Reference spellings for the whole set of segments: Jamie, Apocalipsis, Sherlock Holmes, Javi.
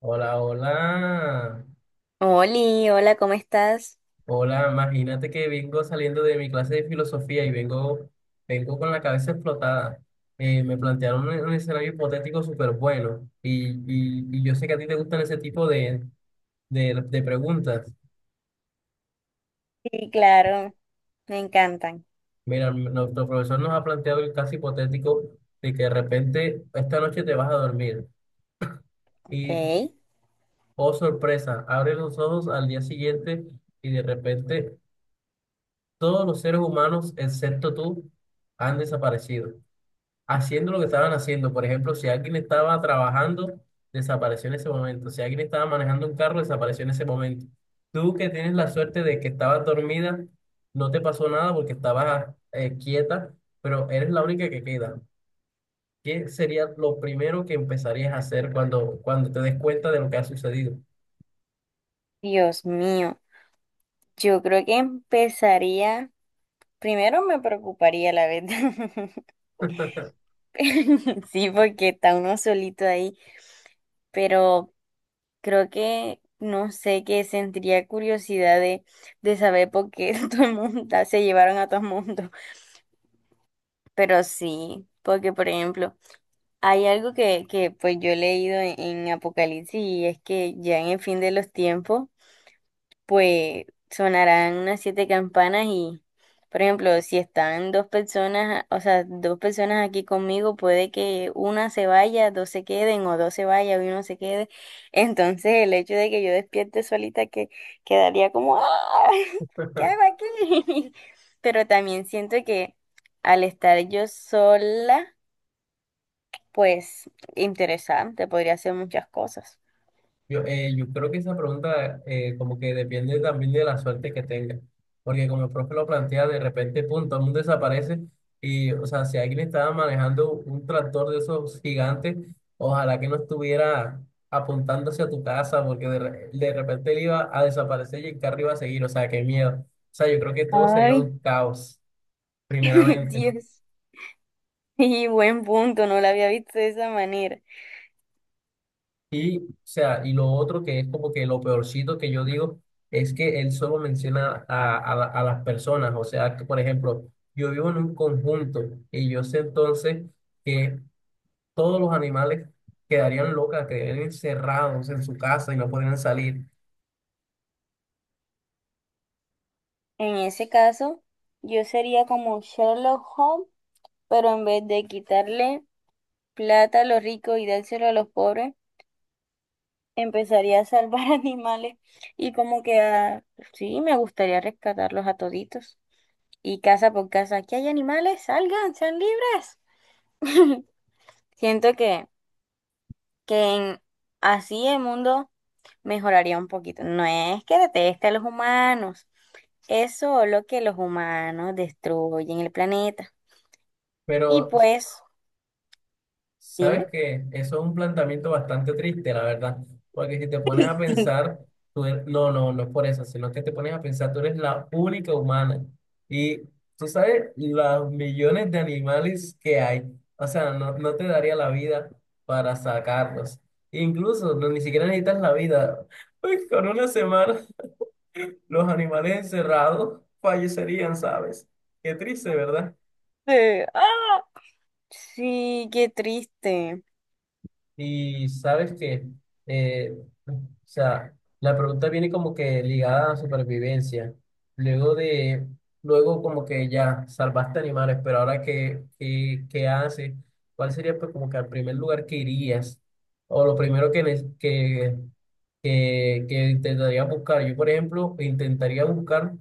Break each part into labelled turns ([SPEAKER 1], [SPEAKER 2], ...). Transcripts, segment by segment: [SPEAKER 1] Hola, hola.
[SPEAKER 2] Oli, hola, ¿cómo estás?
[SPEAKER 1] Hola, imagínate que vengo saliendo de mi clase de filosofía y vengo con la cabeza explotada. Me plantearon un escenario hipotético súper bueno, y yo sé que a ti te gustan ese tipo de preguntas.
[SPEAKER 2] Sí, claro, me encantan.
[SPEAKER 1] Mira, nuestro profesor nos ha planteado el caso hipotético de que de repente esta noche te vas a dormir
[SPEAKER 2] Ok,
[SPEAKER 1] y, oh sorpresa, abres los ojos al día siguiente y de repente todos los seres humanos, excepto tú, han desaparecido, haciendo lo que estaban haciendo. Por ejemplo, si alguien estaba trabajando, desapareció en ese momento. Si alguien estaba manejando un carro, desapareció en ese momento. Tú, que tienes la suerte de que estabas dormida, no te pasó nada porque estabas quieta, pero eres la única que queda. ¿Qué sería lo primero que empezarías a hacer cuando, cuando te des cuenta de lo que ha sucedido?
[SPEAKER 2] Dios mío, yo creo que empezaría, primero me preocuparía la verdad, sí, porque está uno solito ahí, pero creo que, no sé, que sentiría curiosidad de saber por qué todo el mundo, se llevaron a todo el mundo, pero sí, porque por ejemplo... Hay algo que pues yo he leído en Apocalipsis y es que ya en el fin de los tiempos pues sonarán unas 7 campanas y, por ejemplo, si están dos personas, o sea, dos personas aquí conmigo, puede que una se vaya, dos se queden, o dos se vaya y uno se quede. Entonces, el hecho de que yo despierte solita que quedaría como, ¡ah! ¿Qué hago aquí? Pero también siento que al estar yo sola, pues interesante, podría hacer muchas cosas.
[SPEAKER 1] Yo creo que esa pregunta, como que depende también de la suerte que tenga, porque como el profe lo plantea, de repente, pum, todo el mundo desaparece y, o sea, si alguien estaba manejando un tractor de esos gigantes, ojalá que no estuviera apuntando hacia tu casa, porque de repente él iba a desaparecer y el carro iba a seguir. O sea, qué miedo. O sea, yo creo que todo sería
[SPEAKER 2] Ay,
[SPEAKER 1] un caos, primeramente.
[SPEAKER 2] Dios. Sí, buen punto, no la había visto de esa manera.
[SPEAKER 1] Y, o sea, y lo otro que es como que lo peorcito, que yo digo, es que él solo menciona a las personas. O sea, que, por ejemplo, yo vivo en un conjunto y yo sé entonces que todos los animales quedarían locas, quedarían encerrados en su casa y no podrían salir.
[SPEAKER 2] En ese caso, yo sería como Sherlock Holmes, pero en vez de quitarle plata a los ricos y dárselo a los pobres, empezaría a salvar animales y como que a... Sí, me gustaría rescatarlos a toditos. Y casa por casa, aquí hay animales, salgan, sean libres. Siento que, que en- así el mundo mejoraría un poquito. No es que deteste a los humanos. Es solo que los humanos destruyen el planeta. Y
[SPEAKER 1] Pero
[SPEAKER 2] pues,
[SPEAKER 1] sabes
[SPEAKER 2] dime.
[SPEAKER 1] que eso es un planteamiento bastante triste, la verdad, porque si te pones a pensar, no, no, no es por eso, sino que te pones a pensar, tú eres la única humana y tú sabes los millones de animales que hay. O sea, no, no te daría la vida para sacarlos. Incluso no, ni siquiera necesitas la vida, pues con una semana los animales encerrados fallecerían, ¿sabes? Qué triste, ¿verdad?
[SPEAKER 2] ¡Ah! Sí, qué triste.
[SPEAKER 1] Y sabes que, eh, o sea, la pregunta viene como que ligada a la supervivencia. Luego de, luego como que ya salvaste animales, pero ahora qué haces? ¿Cuál sería pues como que el primer lugar que irías? O lo primero que, ne- que intentaría buscar. Yo, por ejemplo, intentaría buscar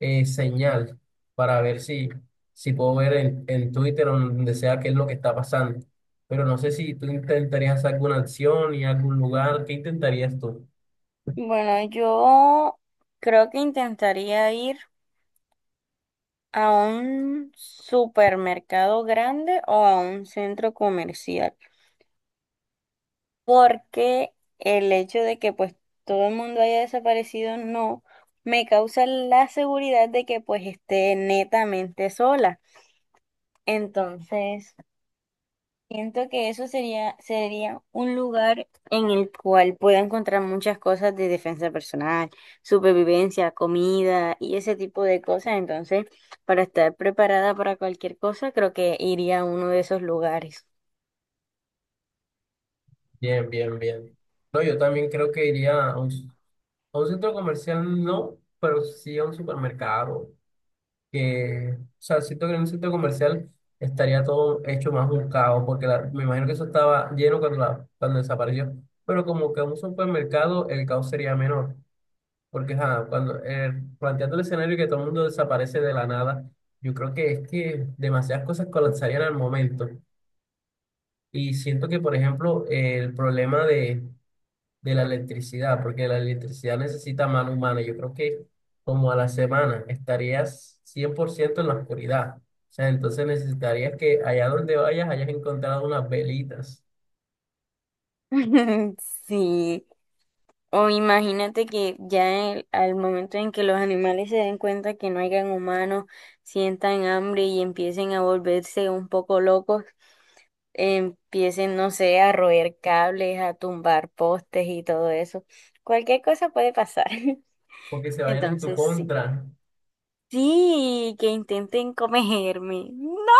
[SPEAKER 1] señal, para ver si, si puedo ver en Twitter o en donde sea qué es lo que está pasando. Pero no sé si tú intentarías hacer alguna acción y algún lugar. ¿Qué intentarías tú?
[SPEAKER 2] Bueno, yo creo que intentaría ir a un supermercado grande o a un centro comercial, porque el hecho de que pues todo el mundo haya desaparecido no me causa la seguridad de que pues esté netamente sola. Entonces, siento que eso sería un lugar en el cual pueda encontrar muchas cosas de defensa personal, supervivencia, comida y ese tipo de cosas. Entonces, para estar preparada para cualquier cosa, creo que iría a uno de esos lugares.
[SPEAKER 1] Bien, bien, bien. No, yo también creo que iría a un centro comercial, no, pero sí a un supermercado. Que, o sea, siento que en un centro comercial estaría todo hecho más un caos, porque la- me imagino que eso estaba lleno cuando, la- cuando desapareció. Pero como que en un supermercado el caos sería menor. Porque ajá, cuando, planteando el escenario que todo el mundo desaparece de la nada, yo creo que es que demasiadas cosas colapsarían al momento. Y siento que, por ejemplo, el problema de la electricidad, porque la electricidad necesita mano humana, yo creo que como a la semana estarías 100% en la oscuridad. O sea, entonces necesitarías que allá donde vayas hayas encontrado unas velitas,
[SPEAKER 2] Sí. O imagínate que ya al momento en que los animales se den cuenta que no hayan humanos, sientan hambre y empiecen a volverse un poco locos. Empiecen, no sé, a roer cables, a tumbar postes y todo eso. Cualquier cosa puede pasar.
[SPEAKER 1] porque se vayan en tu
[SPEAKER 2] Entonces, sí.
[SPEAKER 1] contra.
[SPEAKER 2] Sí, que intenten comerme. No.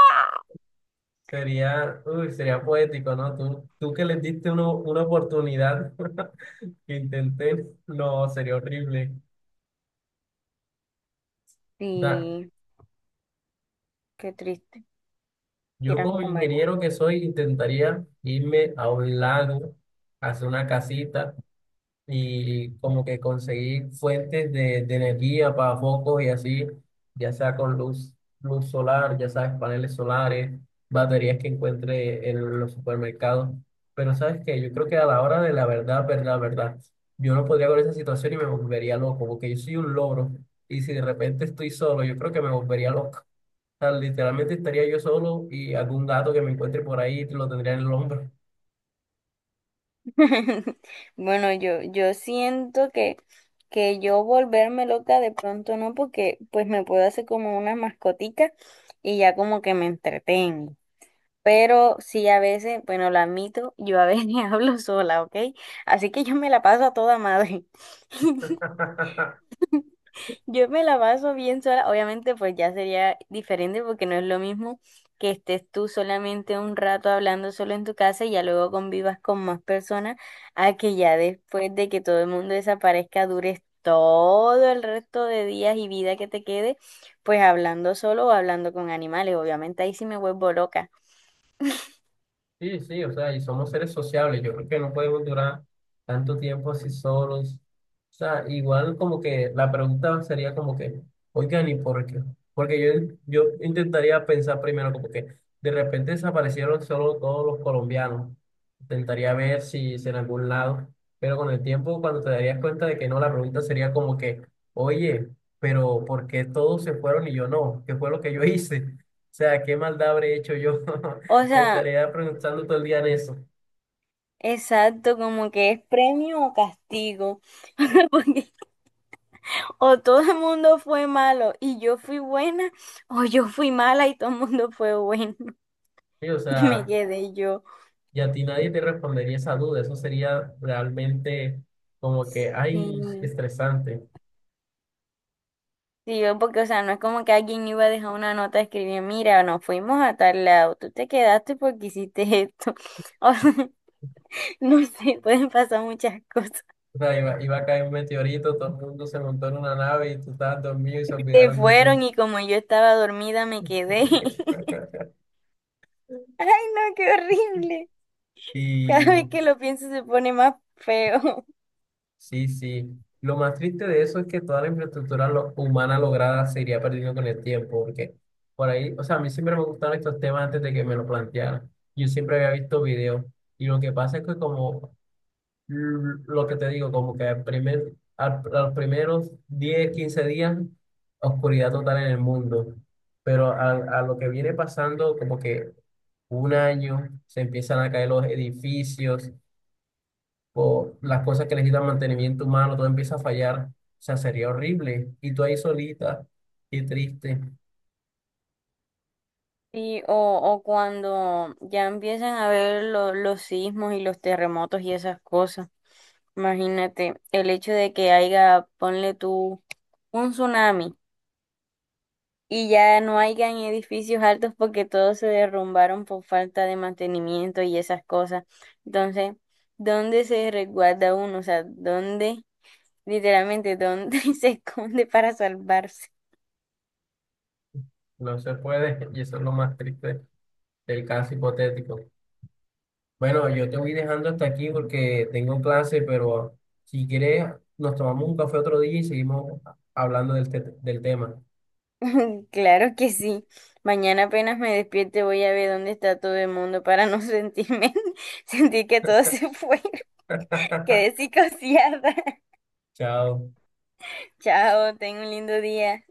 [SPEAKER 1] Sería, uy, sería poético, ¿no? Tú que les diste una oportunidad, que intenté, no, sería horrible. O sea,
[SPEAKER 2] Sí, qué triste.
[SPEAKER 1] yo,
[SPEAKER 2] Quieran
[SPEAKER 1] como
[SPEAKER 2] comer.
[SPEAKER 1] ingeniero que soy, intentaría irme a un lago, hacer una casita y como que conseguir fuentes de energía para focos y así, ya sea con luz, luz solar, ya sabes, paneles solares, baterías que encuentre en los supermercados. Pero sabes que yo creo que a la hora de la verdad, verdad, verdad, yo no podría con esa situación y me volvería loco, porque yo soy un logro y si de repente estoy solo, yo creo que me volvería loco. O sea, literalmente estaría yo solo y algún gato que me encuentre por ahí lo tendría en el hombro.
[SPEAKER 2] Bueno, yo siento que yo volverme loca de pronto no, porque pues me puedo hacer como una mascotica y ya como que me entretengo. Pero sí, a veces, bueno, lo admito, yo a veces hablo sola, ¿ok? Así que yo me la paso a toda madre. Yo me la paso bien sola. Obviamente, pues ya sería diferente porque no es lo mismo que estés tú solamente un rato hablando solo en tu casa y ya luego convivas con más personas a que ya después de que todo el mundo desaparezca dures todo el resto de días y vida que te quede, pues hablando solo o hablando con animales. Obviamente ahí sí me vuelvo loca.
[SPEAKER 1] Sí, sí, o sea, y somos seres sociables. Yo creo que no podemos durar tanto tiempo así solos. O sea, igual como que la pregunta sería como que, oigan, ¿y por qué? Porque yo intentaría pensar primero como que de repente desaparecieron solo todos los colombianos. Intentaría ver si, si en algún lado, pero con el tiempo, cuando te darías cuenta de que no, la pregunta sería como que, oye, pero ¿por qué todos se fueron y yo no? ¿Qué fue lo que yo hice? O sea, ¿qué maldad habré hecho yo?
[SPEAKER 2] O sea...
[SPEAKER 1] Estaría preguntando todo el día en eso.
[SPEAKER 2] Exacto, como que es premio o castigo, porque o todo el mundo fue malo y yo fui buena, o yo fui mala y todo el mundo fue bueno
[SPEAKER 1] Sí, o
[SPEAKER 2] y me
[SPEAKER 1] sea,
[SPEAKER 2] quedé yo.
[SPEAKER 1] y a ti nadie te respondería esa duda. Eso sería realmente como que,
[SPEAKER 2] Sí,
[SPEAKER 1] ay, estresante.
[SPEAKER 2] sí, yo porque, o sea, no es como que alguien iba a dejar una nota de escribir, mira, nos fuimos a tal lado, tú te quedaste porque hiciste esto. O sea, no sé, pueden pasar muchas cosas.
[SPEAKER 1] O sea, iba a caer un meteorito, todo el mundo se montó en una nave y tú estabas dormido y se
[SPEAKER 2] Se
[SPEAKER 1] olvidaron de ti.
[SPEAKER 2] fueron y como yo estaba dormida me quedé. Ay, no, qué horrible. Cada vez
[SPEAKER 1] Y
[SPEAKER 2] que lo pienso se pone más feo.
[SPEAKER 1] sí, sí. Lo más triste de eso es que toda la infraestructura humana lograda se iría perdiendo con el tiempo, porque por ahí, o sea, a mí siempre me gustaron estos temas antes de que me lo plantearan. Yo siempre había visto videos, y lo que pasa es que como lo que te digo, como que a los primeros 10 15 días, oscuridad total en el mundo. Pero a lo que viene pasando, como que 1 año, se empiezan a caer los edificios, o las cosas que necesitan mantenimiento humano, todo empieza a fallar. O sea, sería horrible. Y tú ahí solita, qué triste.
[SPEAKER 2] Sí, o cuando ya empiezan a ver los sismos y los terremotos y esas cosas. Imagínate, el hecho de que haya, ponle tú, un tsunami y ya no hayan edificios altos porque todos se derrumbaron por falta de mantenimiento y esas cosas. Entonces, ¿dónde se resguarda uno? O sea, ¿dónde, literalmente, dónde se esconde para salvarse?
[SPEAKER 1] No se puede. Y eso es lo más triste del caso hipotético. Bueno, yo te voy dejando hasta aquí porque tengo clase, pero si quieres, nos tomamos un café otro día y seguimos hablando del tema.
[SPEAKER 2] Claro que sí. Mañana apenas me despierte voy a ver dónde está todo el mundo para no sentirme, sentir que todo se fue. Quedé psicoseada.
[SPEAKER 1] Chao.
[SPEAKER 2] Chao, ten un lindo día.